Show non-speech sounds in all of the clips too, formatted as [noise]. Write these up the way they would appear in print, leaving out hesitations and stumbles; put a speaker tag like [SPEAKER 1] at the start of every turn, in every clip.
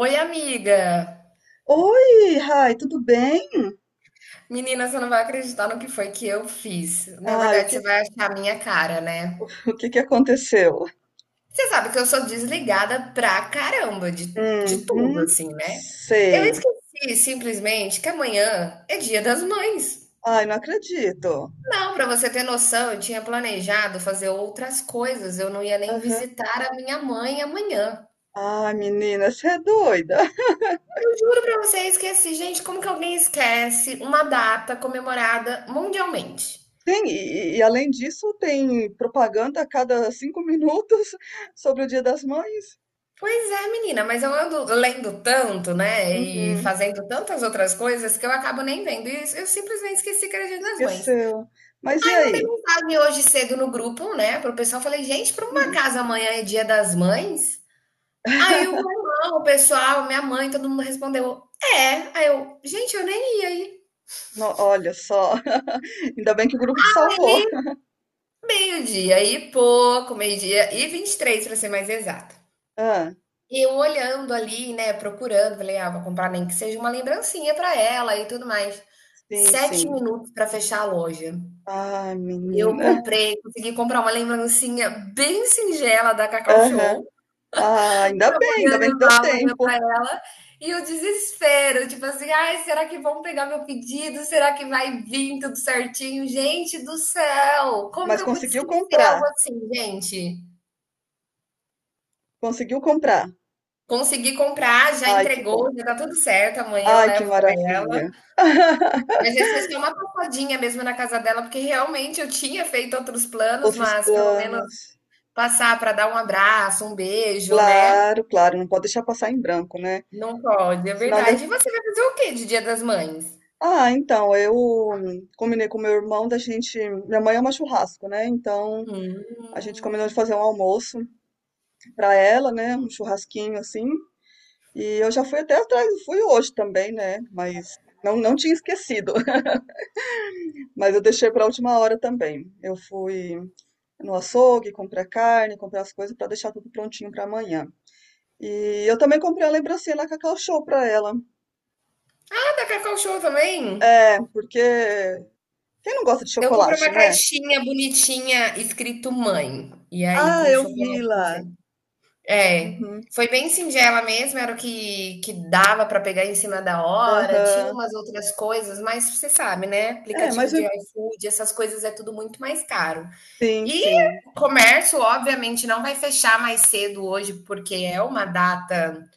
[SPEAKER 1] Oi, amiga!
[SPEAKER 2] Oi, Rai, tudo bem?
[SPEAKER 1] Menina, você não vai acreditar no que foi que eu fiz. Na
[SPEAKER 2] Ah,
[SPEAKER 1] verdade, você vai achar a minha cara, né?
[SPEAKER 2] [laughs] o que que aconteceu?
[SPEAKER 1] Você sabe que eu sou desligada pra caramba de tudo,
[SPEAKER 2] Uhum,
[SPEAKER 1] assim, né? Eu
[SPEAKER 2] sei.
[SPEAKER 1] esqueci simplesmente que amanhã é Dia das Mães.
[SPEAKER 2] Ai, não acredito.
[SPEAKER 1] Não, pra você ter noção, eu tinha planejado fazer outras coisas, eu não ia nem
[SPEAKER 2] Aham.
[SPEAKER 1] visitar a minha mãe amanhã.
[SPEAKER 2] Ai, menina, você é doida. [laughs]
[SPEAKER 1] Eu juro pra você, eu esqueci. Gente, como que alguém esquece uma data comemorada mundialmente?
[SPEAKER 2] Sim, e além disso, tem propaganda a cada cinco minutos [laughs] sobre o Dia das Mães?
[SPEAKER 1] Pois é, menina, mas eu ando lendo tanto, né? E
[SPEAKER 2] Uhum,
[SPEAKER 1] fazendo tantas outras coisas que eu acabo nem vendo. E eu simplesmente esqueci que era Dia das Mães.
[SPEAKER 2] esqueceu. Mas e
[SPEAKER 1] Aí mandei
[SPEAKER 2] aí?
[SPEAKER 1] mensagem hoje cedo no grupo, né? Pro pessoal, falei, gente, por uma
[SPEAKER 2] Hum,
[SPEAKER 1] casa amanhã é Dia das Mães? Aí o meu irmão, o pessoal, minha mãe, todo mundo respondeu, é. Aí eu, gente, eu nem ia aí.
[SPEAKER 2] olha só. [laughs] Ainda bem que o grupo te salvou.
[SPEAKER 1] Meio-dia e pouco, meio-dia e 23 para ser mais exata.
[SPEAKER 2] Ah,
[SPEAKER 1] E eu olhando ali, né, procurando, falei: "Ah, vou comprar nem que seja uma lembrancinha para ela e tudo mais".
[SPEAKER 2] sim,
[SPEAKER 1] 7
[SPEAKER 2] sim.
[SPEAKER 1] minutos para fechar a loja.
[SPEAKER 2] Ai,
[SPEAKER 1] Eu
[SPEAKER 2] menina.
[SPEAKER 1] comprei consegui comprar uma lembrancinha bem singela da Cacau
[SPEAKER 2] Aham.
[SPEAKER 1] Show,
[SPEAKER 2] Ah,
[SPEAKER 1] para poder
[SPEAKER 2] ainda bem que deu
[SPEAKER 1] levar amanhã para
[SPEAKER 2] tempo.
[SPEAKER 1] ela, e o desespero, tipo assim: "Ai, será que vão pegar meu pedido? Será que vai vir tudo certinho?". Gente do céu, como
[SPEAKER 2] Mas
[SPEAKER 1] que eu pude
[SPEAKER 2] conseguiu
[SPEAKER 1] esquecer algo
[SPEAKER 2] comprar,
[SPEAKER 1] assim, gente?
[SPEAKER 2] conseguiu comprar.
[SPEAKER 1] Consegui comprar, já
[SPEAKER 2] Ai, que bom.
[SPEAKER 1] entregou, já tá tudo certo, amanhã eu
[SPEAKER 2] Ai, que
[SPEAKER 1] levo para ela.
[SPEAKER 2] maravilha. [laughs]
[SPEAKER 1] Mas esse é só uma passadinha mesmo na casa dela, porque realmente eu tinha feito outros planos,
[SPEAKER 2] Outros
[SPEAKER 1] mas pelo menos
[SPEAKER 2] planos.
[SPEAKER 1] passar para dar um abraço, um beijo, né?
[SPEAKER 2] Claro, claro, não pode deixar passar em branco, né?
[SPEAKER 1] Não pode, é
[SPEAKER 2] Senão deu...
[SPEAKER 1] verdade. E você vai fazer o quê de Dia das Mães?
[SPEAKER 2] Ah, então, eu combinei com meu irmão da gente. Minha mãe ama churrasco, né? Então,
[SPEAKER 1] Hum.
[SPEAKER 2] a gente combinou de fazer um almoço pra ela, né? Um churrasquinho assim. E eu já fui até atrás, fui hoje também, né? Mas não, não tinha esquecido. [laughs] Mas eu deixei pra última hora também. Eu fui no açougue, comprar carne, comprar as coisas para deixar tudo prontinho para amanhã. E eu também comprei uma lembrancinha lá Cacau Show para ela.
[SPEAKER 1] Ah, da Cacau Show também?
[SPEAKER 2] É, porque quem não gosta de
[SPEAKER 1] Eu comprei
[SPEAKER 2] chocolate,
[SPEAKER 1] uma
[SPEAKER 2] né?
[SPEAKER 1] caixinha bonitinha escrito mãe. E aí
[SPEAKER 2] Ah,
[SPEAKER 1] com
[SPEAKER 2] eu vi
[SPEAKER 1] chocolate.
[SPEAKER 2] lá.
[SPEAKER 1] É,
[SPEAKER 2] Uhum,
[SPEAKER 1] foi bem singela mesmo, era o que que dava para pegar em cima da hora, tinha
[SPEAKER 2] aham.
[SPEAKER 1] umas outras coisas, mas você sabe, né,
[SPEAKER 2] É,
[SPEAKER 1] aplicativo
[SPEAKER 2] mas
[SPEAKER 1] de iFood, essas coisas é tudo muito mais caro.
[SPEAKER 2] sim,
[SPEAKER 1] E
[SPEAKER 2] sim.
[SPEAKER 1] o comércio, obviamente, não vai fechar mais cedo hoje, porque é uma data,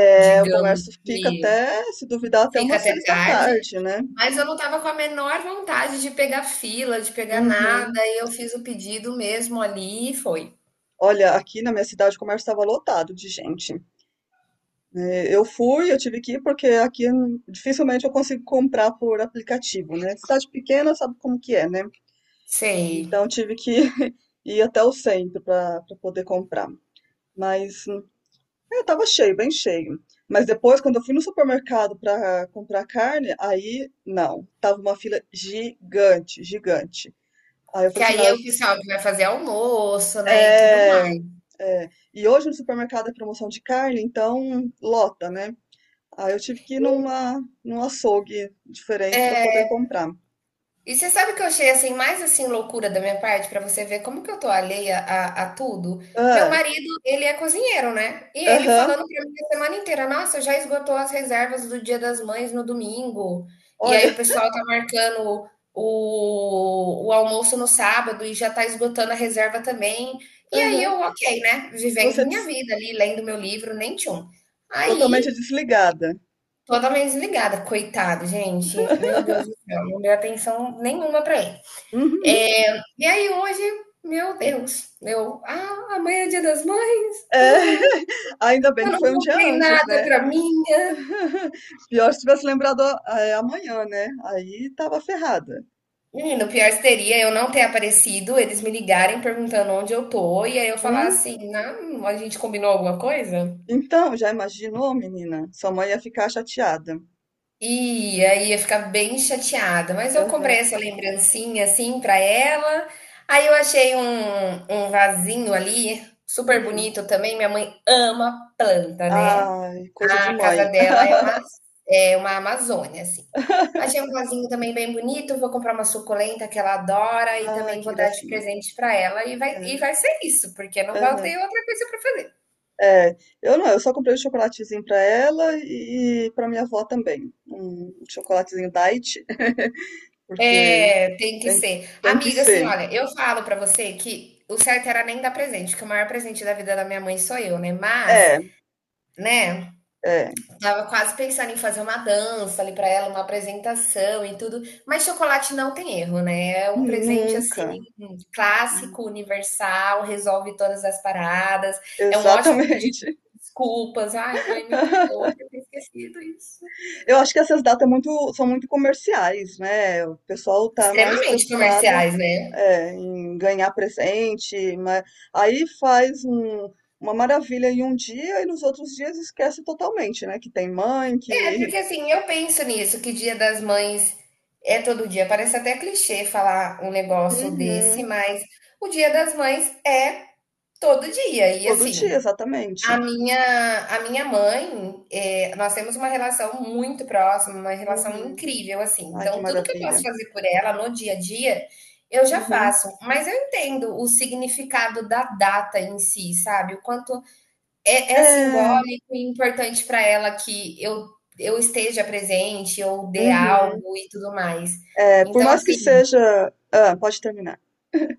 [SPEAKER 2] É, o
[SPEAKER 1] digamos
[SPEAKER 2] comércio fica
[SPEAKER 1] que
[SPEAKER 2] até, se duvidar, até
[SPEAKER 1] fica
[SPEAKER 2] umas
[SPEAKER 1] até
[SPEAKER 2] seis da
[SPEAKER 1] tarde,
[SPEAKER 2] tarde, né?
[SPEAKER 1] mas eu não estava com a menor vontade de pegar fila, de pegar nada,
[SPEAKER 2] Uhum.
[SPEAKER 1] e eu fiz o pedido mesmo ali e foi.
[SPEAKER 2] Olha, aqui na minha cidade o comércio estava lotado de gente. É, eu tive que ir, porque aqui dificilmente eu consigo comprar por aplicativo, né? Cidade pequena sabe como que é, né?
[SPEAKER 1] Sei.
[SPEAKER 2] Então tive que [laughs] ir até o centro para poder comprar. Mas é, tava cheio, bem cheio. Mas depois, quando eu fui no supermercado para comprar carne, aí não, tava uma fila gigante, gigante. Aí eu
[SPEAKER 1] Que
[SPEAKER 2] falei assim,
[SPEAKER 1] aí
[SPEAKER 2] não,
[SPEAKER 1] é o pessoal que vai fazer almoço, né, e tudo
[SPEAKER 2] é,
[SPEAKER 1] mais.
[SPEAKER 2] é. E hoje no supermercado é promoção de carne, então lota, né? Aí eu tive que ir num açougue diferente para poder comprar.
[SPEAKER 1] E você sabe que eu achei assim mais assim loucura da minha parte pra você ver como que eu tô alheia a tudo? Meu
[SPEAKER 2] Ah,
[SPEAKER 1] marido, ele é cozinheiro, né? E ele
[SPEAKER 2] aham,
[SPEAKER 1] falando pra mim a semana inteira, nossa, já esgotou as reservas do Dia das Mães no domingo. E aí
[SPEAKER 2] olha,
[SPEAKER 1] o pessoal tá marcando o almoço no sábado e já tá esgotando a reserva também. E aí
[SPEAKER 2] aham.
[SPEAKER 1] eu, ok, né?
[SPEAKER 2] E
[SPEAKER 1] Vivendo
[SPEAKER 2] você
[SPEAKER 1] minha vida ali, lendo meu livro, nem tchum. Aí,
[SPEAKER 2] totalmente desligada.
[SPEAKER 1] totalmente desligada, coitado, gente. Meu Deus do céu, não deu atenção nenhuma para ele.
[SPEAKER 2] Uhum.
[SPEAKER 1] É, e aí hoje, meu Deus, eu, ah, amanhã é dia das mães,
[SPEAKER 2] É, [laughs] ainda bem
[SPEAKER 1] eu
[SPEAKER 2] que
[SPEAKER 1] não
[SPEAKER 2] foi um dia
[SPEAKER 1] comprei
[SPEAKER 2] antes,
[SPEAKER 1] nada
[SPEAKER 2] né?
[SPEAKER 1] pra minha.
[SPEAKER 2] [laughs] Pior se tivesse lembrado é, amanhã, né? Aí tava ferrada.
[SPEAKER 1] Menino, o pior seria eu não ter aparecido, eles me ligarem perguntando onde eu tô, e aí eu falar
[SPEAKER 2] Hum?
[SPEAKER 1] assim, não, a gente combinou alguma coisa?
[SPEAKER 2] Então, já imaginou, menina? Sua mãe ia ficar chateada.
[SPEAKER 1] Ia ficar bem chateada, mas eu
[SPEAKER 2] Aham.
[SPEAKER 1] comprei essa lembrancinha assim pra ela. Aí eu achei um vasinho ali, super
[SPEAKER 2] Hum.
[SPEAKER 1] bonito também. Minha mãe ama planta, né?
[SPEAKER 2] Ai, coisa de
[SPEAKER 1] A casa
[SPEAKER 2] mãe.
[SPEAKER 1] dela
[SPEAKER 2] [laughs]
[SPEAKER 1] é uma Amazônia, assim. Achei um vasinho também bem bonito. Vou comprar uma suculenta que ela adora e
[SPEAKER 2] Ai,
[SPEAKER 1] também
[SPEAKER 2] que
[SPEAKER 1] vou dar de
[SPEAKER 2] gracinha.
[SPEAKER 1] presente pra ela. E vai, e
[SPEAKER 2] É,
[SPEAKER 1] vai ser isso, porque não vai
[SPEAKER 2] aham.
[SPEAKER 1] ter outra coisa pra fazer.
[SPEAKER 2] É, eu não, eu só comprei um chocolatezinho pra ela e pra minha avó também. Um chocolatezinho diet, [laughs] porque
[SPEAKER 1] É, tem que
[SPEAKER 2] tem,
[SPEAKER 1] ser.
[SPEAKER 2] tem que
[SPEAKER 1] Amiga, assim,
[SPEAKER 2] ser.
[SPEAKER 1] olha, eu falo pra você que o certo era nem dar presente, que o maior presente da vida da minha mãe sou eu, né? Mas,
[SPEAKER 2] É,
[SPEAKER 1] né,
[SPEAKER 2] é,
[SPEAKER 1] tava quase pensando em fazer uma dança ali pra ela, uma apresentação e tudo. Mas chocolate não tem erro, né? É um presente assim
[SPEAKER 2] nunca.
[SPEAKER 1] clássico, universal, resolve todas as paradas. É um ótimo pedido
[SPEAKER 2] Exatamente.
[SPEAKER 1] de desculpas. Ai, mãe, me perdoa
[SPEAKER 2] [laughs]
[SPEAKER 1] por ter esquecido isso.
[SPEAKER 2] Eu acho que essas datas é muito, são muito comerciais, né? O pessoal tá mais
[SPEAKER 1] Extremamente
[SPEAKER 2] preocupado,
[SPEAKER 1] comerciais, né?
[SPEAKER 2] é, em ganhar presente, mas aí faz um- uma maravilha em um dia e nos outros dias esquece totalmente, né? Que tem mãe,
[SPEAKER 1] É,
[SPEAKER 2] que.
[SPEAKER 1] porque assim, eu penso nisso, que Dia das Mães é todo dia. Parece até clichê falar um
[SPEAKER 2] [laughs]
[SPEAKER 1] negócio desse,
[SPEAKER 2] Uhum.
[SPEAKER 1] mas o Dia das Mães é todo dia. E
[SPEAKER 2] Todo dia,
[SPEAKER 1] assim, a
[SPEAKER 2] exatamente.
[SPEAKER 1] minha, a minha mãe, é, nós temos uma relação muito próxima, uma relação
[SPEAKER 2] Uhum.
[SPEAKER 1] incrível, assim.
[SPEAKER 2] Ai, que
[SPEAKER 1] Então, tudo que eu posso
[SPEAKER 2] maravilha.
[SPEAKER 1] fazer por ela no dia a dia, eu já
[SPEAKER 2] Uhum.
[SPEAKER 1] faço. Mas eu entendo o significado da data em si, sabe? O quanto é
[SPEAKER 2] É.
[SPEAKER 1] simbólico e importante para ela que eu esteja presente, eu dê
[SPEAKER 2] Uhum.
[SPEAKER 1] algo e tudo mais.
[SPEAKER 2] É, por
[SPEAKER 1] Então,
[SPEAKER 2] mais que
[SPEAKER 1] assim
[SPEAKER 2] seja pode terminar.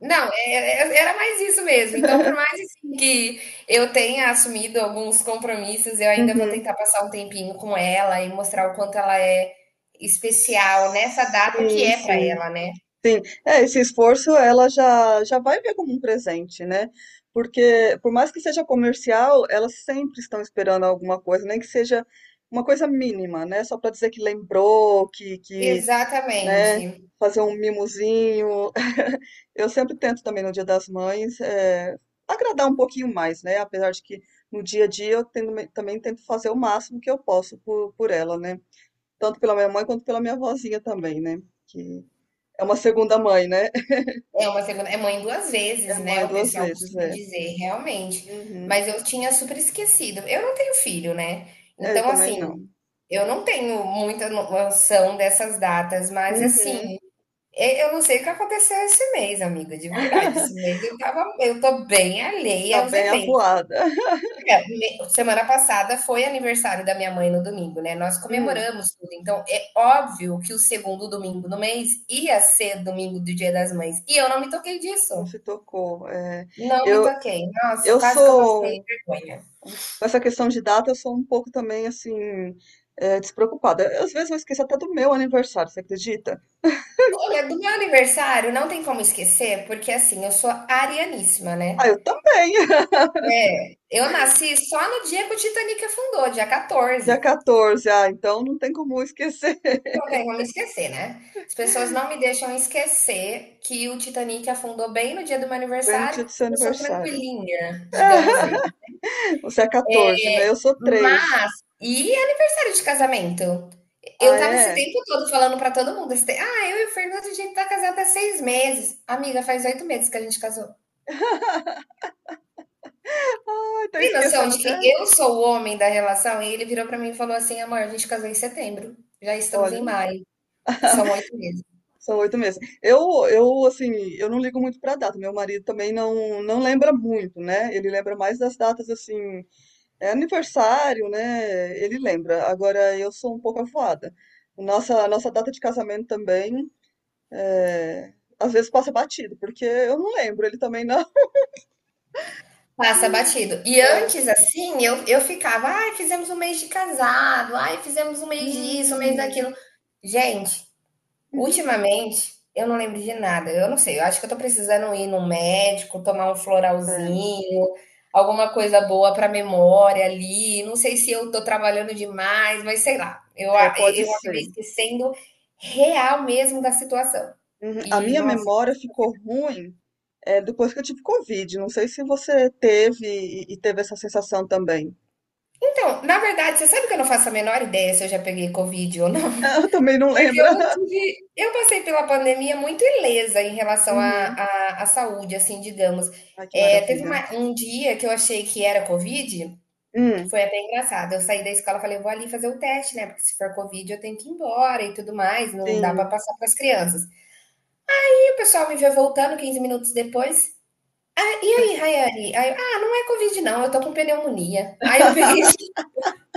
[SPEAKER 1] não, era mais isso mesmo. Então, por mais, assim, que eu tenha assumido alguns compromissos, eu ainda vou
[SPEAKER 2] Uhum.
[SPEAKER 1] tentar passar um tempinho com ela e mostrar o quanto ela é especial nessa data que
[SPEAKER 2] Sim,
[SPEAKER 1] é para
[SPEAKER 2] sim.
[SPEAKER 1] ela, né.
[SPEAKER 2] Sim. É, esse esforço ela já já vai ver como um presente, né? Porque por mais que seja comercial, elas sempre estão esperando alguma coisa, nem que seja uma coisa mínima, né? Só para dizer que lembrou, que né?
[SPEAKER 1] Exatamente.
[SPEAKER 2] Fazer um mimozinho. [laughs] Eu sempre tento também no Dia das Mães agradar um pouquinho mais, né? Apesar de que no dia a dia eu também tento fazer o máximo que eu posso por ela, né? Tanto pela minha mãe quanto pela minha vozinha também, né? Que é uma segunda mãe, né? [laughs]
[SPEAKER 1] É uma segunda é mãe duas
[SPEAKER 2] É
[SPEAKER 1] vezes, né,
[SPEAKER 2] mãe
[SPEAKER 1] o
[SPEAKER 2] duas
[SPEAKER 1] pessoal
[SPEAKER 2] vezes,
[SPEAKER 1] costuma
[SPEAKER 2] é.
[SPEAKER 1] dizer, realmente.
[SPEAKER 2] Uhum.
[SPEAKER 1] Mas eu tinha super esquecido. Eu não tenho filho, né,
[SPEAKER 2] É, eu
[SPEAKER 1] então,
[SPEAKER 2] também
[SPEAKER 1] assim,
[SPEAKER 2] não.
[SPEAKER 1] eu não tenho muita no noção dessas datas, mas, assim,
[SPEAKER 2] Uhum.
[SPEAKER 1] e eu não sei o que aconteceu esse mês, amiga, de verdade. Esse mês eu tava, eu tô bem
[SPEAKER 2] Tá
[SPEAKER 1] alheia aos
[SPEAKER 2] bem
[SPEAKER 1] eventos.
[SPEAKER 2] avoada. [laughs]
[SPEAKER 1] É, me semana passada foi aniversário da minha mãe no domingo, né, nós
[SPEAKER 2] Hum,
[SPEAKER 1] comemoramos tudo, então é óbvio que o segundo domingo do mês ia ser domingo do Dia das Mães, e eu não me toquei
[SPEAKER 2] não
[SPEAKER 1] disso.
[SPEAKER 2] se tocou. É.
[SPEAKER 1] Não me
[SPEAKER 2] Eu,
[SPEAKER 1] toquei. Nossa,
[SPEAKER 2] eu
[SPEAKER 1] quase que eu passei
[SPEAKER 2] sou.
[SPEAKER 1] vergonha.
[SPEAKER 2] Com essa questão de data, eu sou um pouco também assim, despreocupada. Eu, às vezes eu esqueço até do meu aniversário, você acredita?
[SPEAKER 1] Olha, do meu aniversário não tem como esquecer, porque assim, eu sou arianíssima,
[SPEAKER 2] Ah,
[SPEAKER 1] né?
[SPEAKER 2] eu também! [laughs]
[SPEAKER 1] Eu nasci só no dia que o Titanic afundou, dia
[SPEAKER 2] Dia
[SPEAKER 1] 14.
[SPEAKER 2] 14, ah, então não tem como eu esquecer. [laughs]
[SPEAKER 1] Não tem como esquecer, né? As pessoas não me deixam esquecer que o Titanic afundou bem no dia do meu
[SPEAKER 2] Bem no
[SPEAKER 1] aniversário,
[SPEAKER 2] dia do seu
[SPEAKER 1] porque eu sou
[SPEAKER 2] aniversário.
[SPEAKER 1] tranquilinha, digamos.
[SPEAKER 2] [laughs] Você é 14, né? Eu sou três.
[SPEAKER 1] Mas e aniversário de casamento? Eu
[SPEAKER 2] Ah,
[SPEAKER 1] tava esse
[SPEAKER 2] é?
[SPEAKER 1] tempo todo falando para todo mundo, ah, eu e o Fernando, a gente tá casado há 6 meses. Amiga, faz 8 meses que a gente casou.
[SPEAKER 2] Ai, tá
[SPEAKER 1] Tem noção
[SPEAKER 2] esquecendo
[SPEAKER 1] de
[SPEAKER 2] até.
[SPEAKER 1] que eu sou o homem da relação? E ele virou para mim e falou assim, amor, a gente casou em setembro, já estamos
[SPEAKER 2] Olha,
[SPEAKER 1] em maio, são
[SPEAKER 2] [laughs]
[SPEAKER 1] 8 meses.
[SPEAKER 2] são oito meses. Eu, assim, eu não ligo muito pra data. Meu marido também não, não lembra muito, né? Ele lembra mais das datas, assim. É aniversário, né? Ele lembra. Agora eu sou um pouco avoada. Nossa, nossa data de casamento também, é, às vezes passa batido, porque eu não lembro, ele também não.
[SPEAKER 1] Passa batido. E
[SPEAKER 2] É,
[SPEAKER 1] antes, assim, eu ficava, ai, fizemos um mês de casado, ai, fizemos um mês disso, um mês
[SPEAKER 2] hum,
[SPEAKER 1] daquilo. Gente,
[SPEAKER 2] [laughs] uhum,
[SPEAKER 1] ultimamente, eu não lembro de nada. Eu não sei, eu acho que eu tô precisando ir num médico, tomar um
[SPEAKER 2] é,
[SPEAKER 1] floralzinho, alguma coisa boa pra memória ali. Não sei se eu tô trabalhando demais, mas sei lá.
[SPEAKER 2] é, pode
[SPEAKER 1] Eu acabei
[SPEAKER 2] ser.
[SPEAKER 1] esquecendo real mesmo da situação.
[SPEAKER 2] Uhum. A
[SPEAKER 1] E,
[SPEAKER 2] minha
[SPEAKER 1] nossa.
[SPEAKER 2] memória ficou ruim, é, depois que eu tive Covid. Não sei se você teve e teve essa sensação também.
[SPEAKER 1] Então, na verdade, você sabe que eu não faço a menor ideia se eu já peguei Covid ou não?
[SPEAKER 2] [laughs] Eu também não
[SPEAKER 1] Porque
[SPEAKER 2] lembro.
[SPEAKER 1] eu não
[SPEAKER 2] [laughs]
[SPEAKER 1] tive. Eu passei pela pandemia muito ilesa em relação à,
[SPEAKER 2] Uhum.
[SPEAKER 1] à, à saúde, assim, digamos.
[SPEAKER 2] Ai, que
[SPEAKER 1] É, teve
[SPEAKER 2] maravilha.
[SPEAKER 1] um dia que eu achei que era Covid,
[SPEAKER 2] Hum,
[SPEAKER 1] foi até engraçado. Eu saí da escola e falei, vou ali fazer o teste, né? Porque se for Covid, eu tenho que ir embora e tudo mais, não dá pra
[SPEAKER 2] sim.
[SPEAKER 1] passar pras crianças. E o pessoal me vê voltando 15 minutos depois. "Ah, e aí, Rayane?" Aí eu, ah, não é Covid, não, eu tô com pneumonia. Aí eu
[SPEAKER 2] [laughs]
[SPEAKER 1] peguei,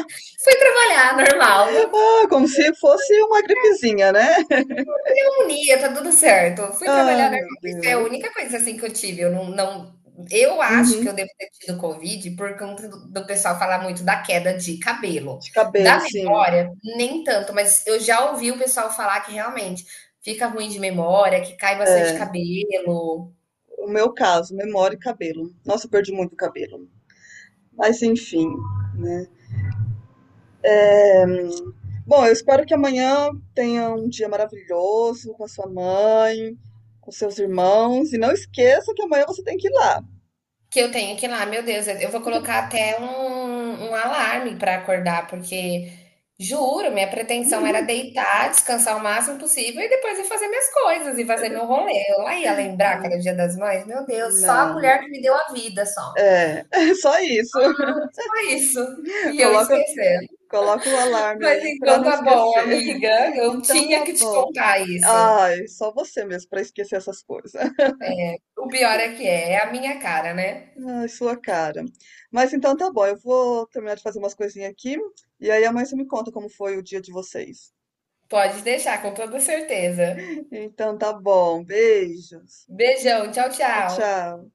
[SPEAKER 1] [laughs] fui trabalhar, normal.
[SPEAKER 2] Ah, como se fosse uma gripezinha, né? [laughs]
[SPEAKER 1] Pneumonia, tá tudo certo. Eu fui trabalhar
[SPEAKER 2] Ai,
[SPEAKER 1] normal.
[SPEAKER 2] meu
[SPEAKER 1] Isso é a
[SPEAKER 2] Deus.
[SPEAKER 1] única coisa assim que eu tive. Eu não, não, eu acho que eu
[SPEAKER 2] Uhum.
[SPEAKER 1] devo ter tido Covid por conta do pessoal falar muito da queda de cabelo.
[SPEAKER 2] De
[SPEAKER 1] Da
[SPEAKER 2] cabelo, sim.
[SPEAKER 1] memória, nem tanto, mas eu já ouvi o pessoal falar que realmente fica ruim de memória, que cai bastante
[SPEAKER 2] É,
[SPEAKER 1] cabelo.
[SPEAKER 2] o meu caso, memória e cabelo. Nossa, eu perdi muito cabelo. Mas enfim, né? Bom, eu espero que amanhã tenha um dia maravilhoso com a sua mãe, com seus irmãos. E não esqueça que amanhã você tem que ir lá.
[SPEAKER 1] Que eu tenho que ir lá. Meu Deus, eu vou colocar até um alarme para acordar, porque juro, minha pretensão era deitar, descansar o máximo possível e depois ir fazer minhas coisas e fazer meu rolê. Eu lá ia lembrar que
[SPEAKER 2] Hum,
[SPEAKER 1] era o Dia das Mães. Meu Deus, só a
[SPEAKER 2] Não,
[SPEAKER 1] mulher
[SPEAKER 2] não.
[SPEAKER 1] que me deu a vida, só.
[SPEAKER 2] É, [laughs] é só isso.
[SPEAKER 1] Só isso.
[SPEAKER 2] [laughs]
[SPEAKER 1] E eu
[SPEAKER 2] Coloca,
[SPEAKER 1] esquecendo.
[SPEAKER 2] coloca o alarme
[SPEAKER 1] Mas
[SPEAKER 2] aí pra
[SPEAKER 1] então
[SPEAKER 2] não
[SPEAKER 1] tá bom,
[SPEAKER 2] esquecer.
[SPEAKER 1] amiga.
[SPEAKER 2] [laughs]
[SPEAKER 1] Eu
[SPEAKER 2] Então
[SPEAKER 1] tinha
[SPEAKER 2] tá
[SPEAKER 1] que te
[SPEAKER 2] bom.
[SPEAKER 1] contar isso.
[SPEAKER 2] Ai, só você mesmo para esquecer essas coisas. [laughs]
[SPEAKER 1] O pior é que é, é a minha cara, né?
[SPEAKER 2] Ai, sua cara. Mas então tá bom, eu vou terminar de fazer umas coisinhas aqui e aí amanhã você me conta como foi o dia de vocês.
[SPEAKER 1] Pode deixar, com toda certeza.
[SPEAKER 2] Então tá bom, beijos.
[SPEAKER 1] Beijão, tchau,
[SPEAKER 2] Tchau,
[SPEAKER 1] tchau.
[SPEAKER 2] tchau.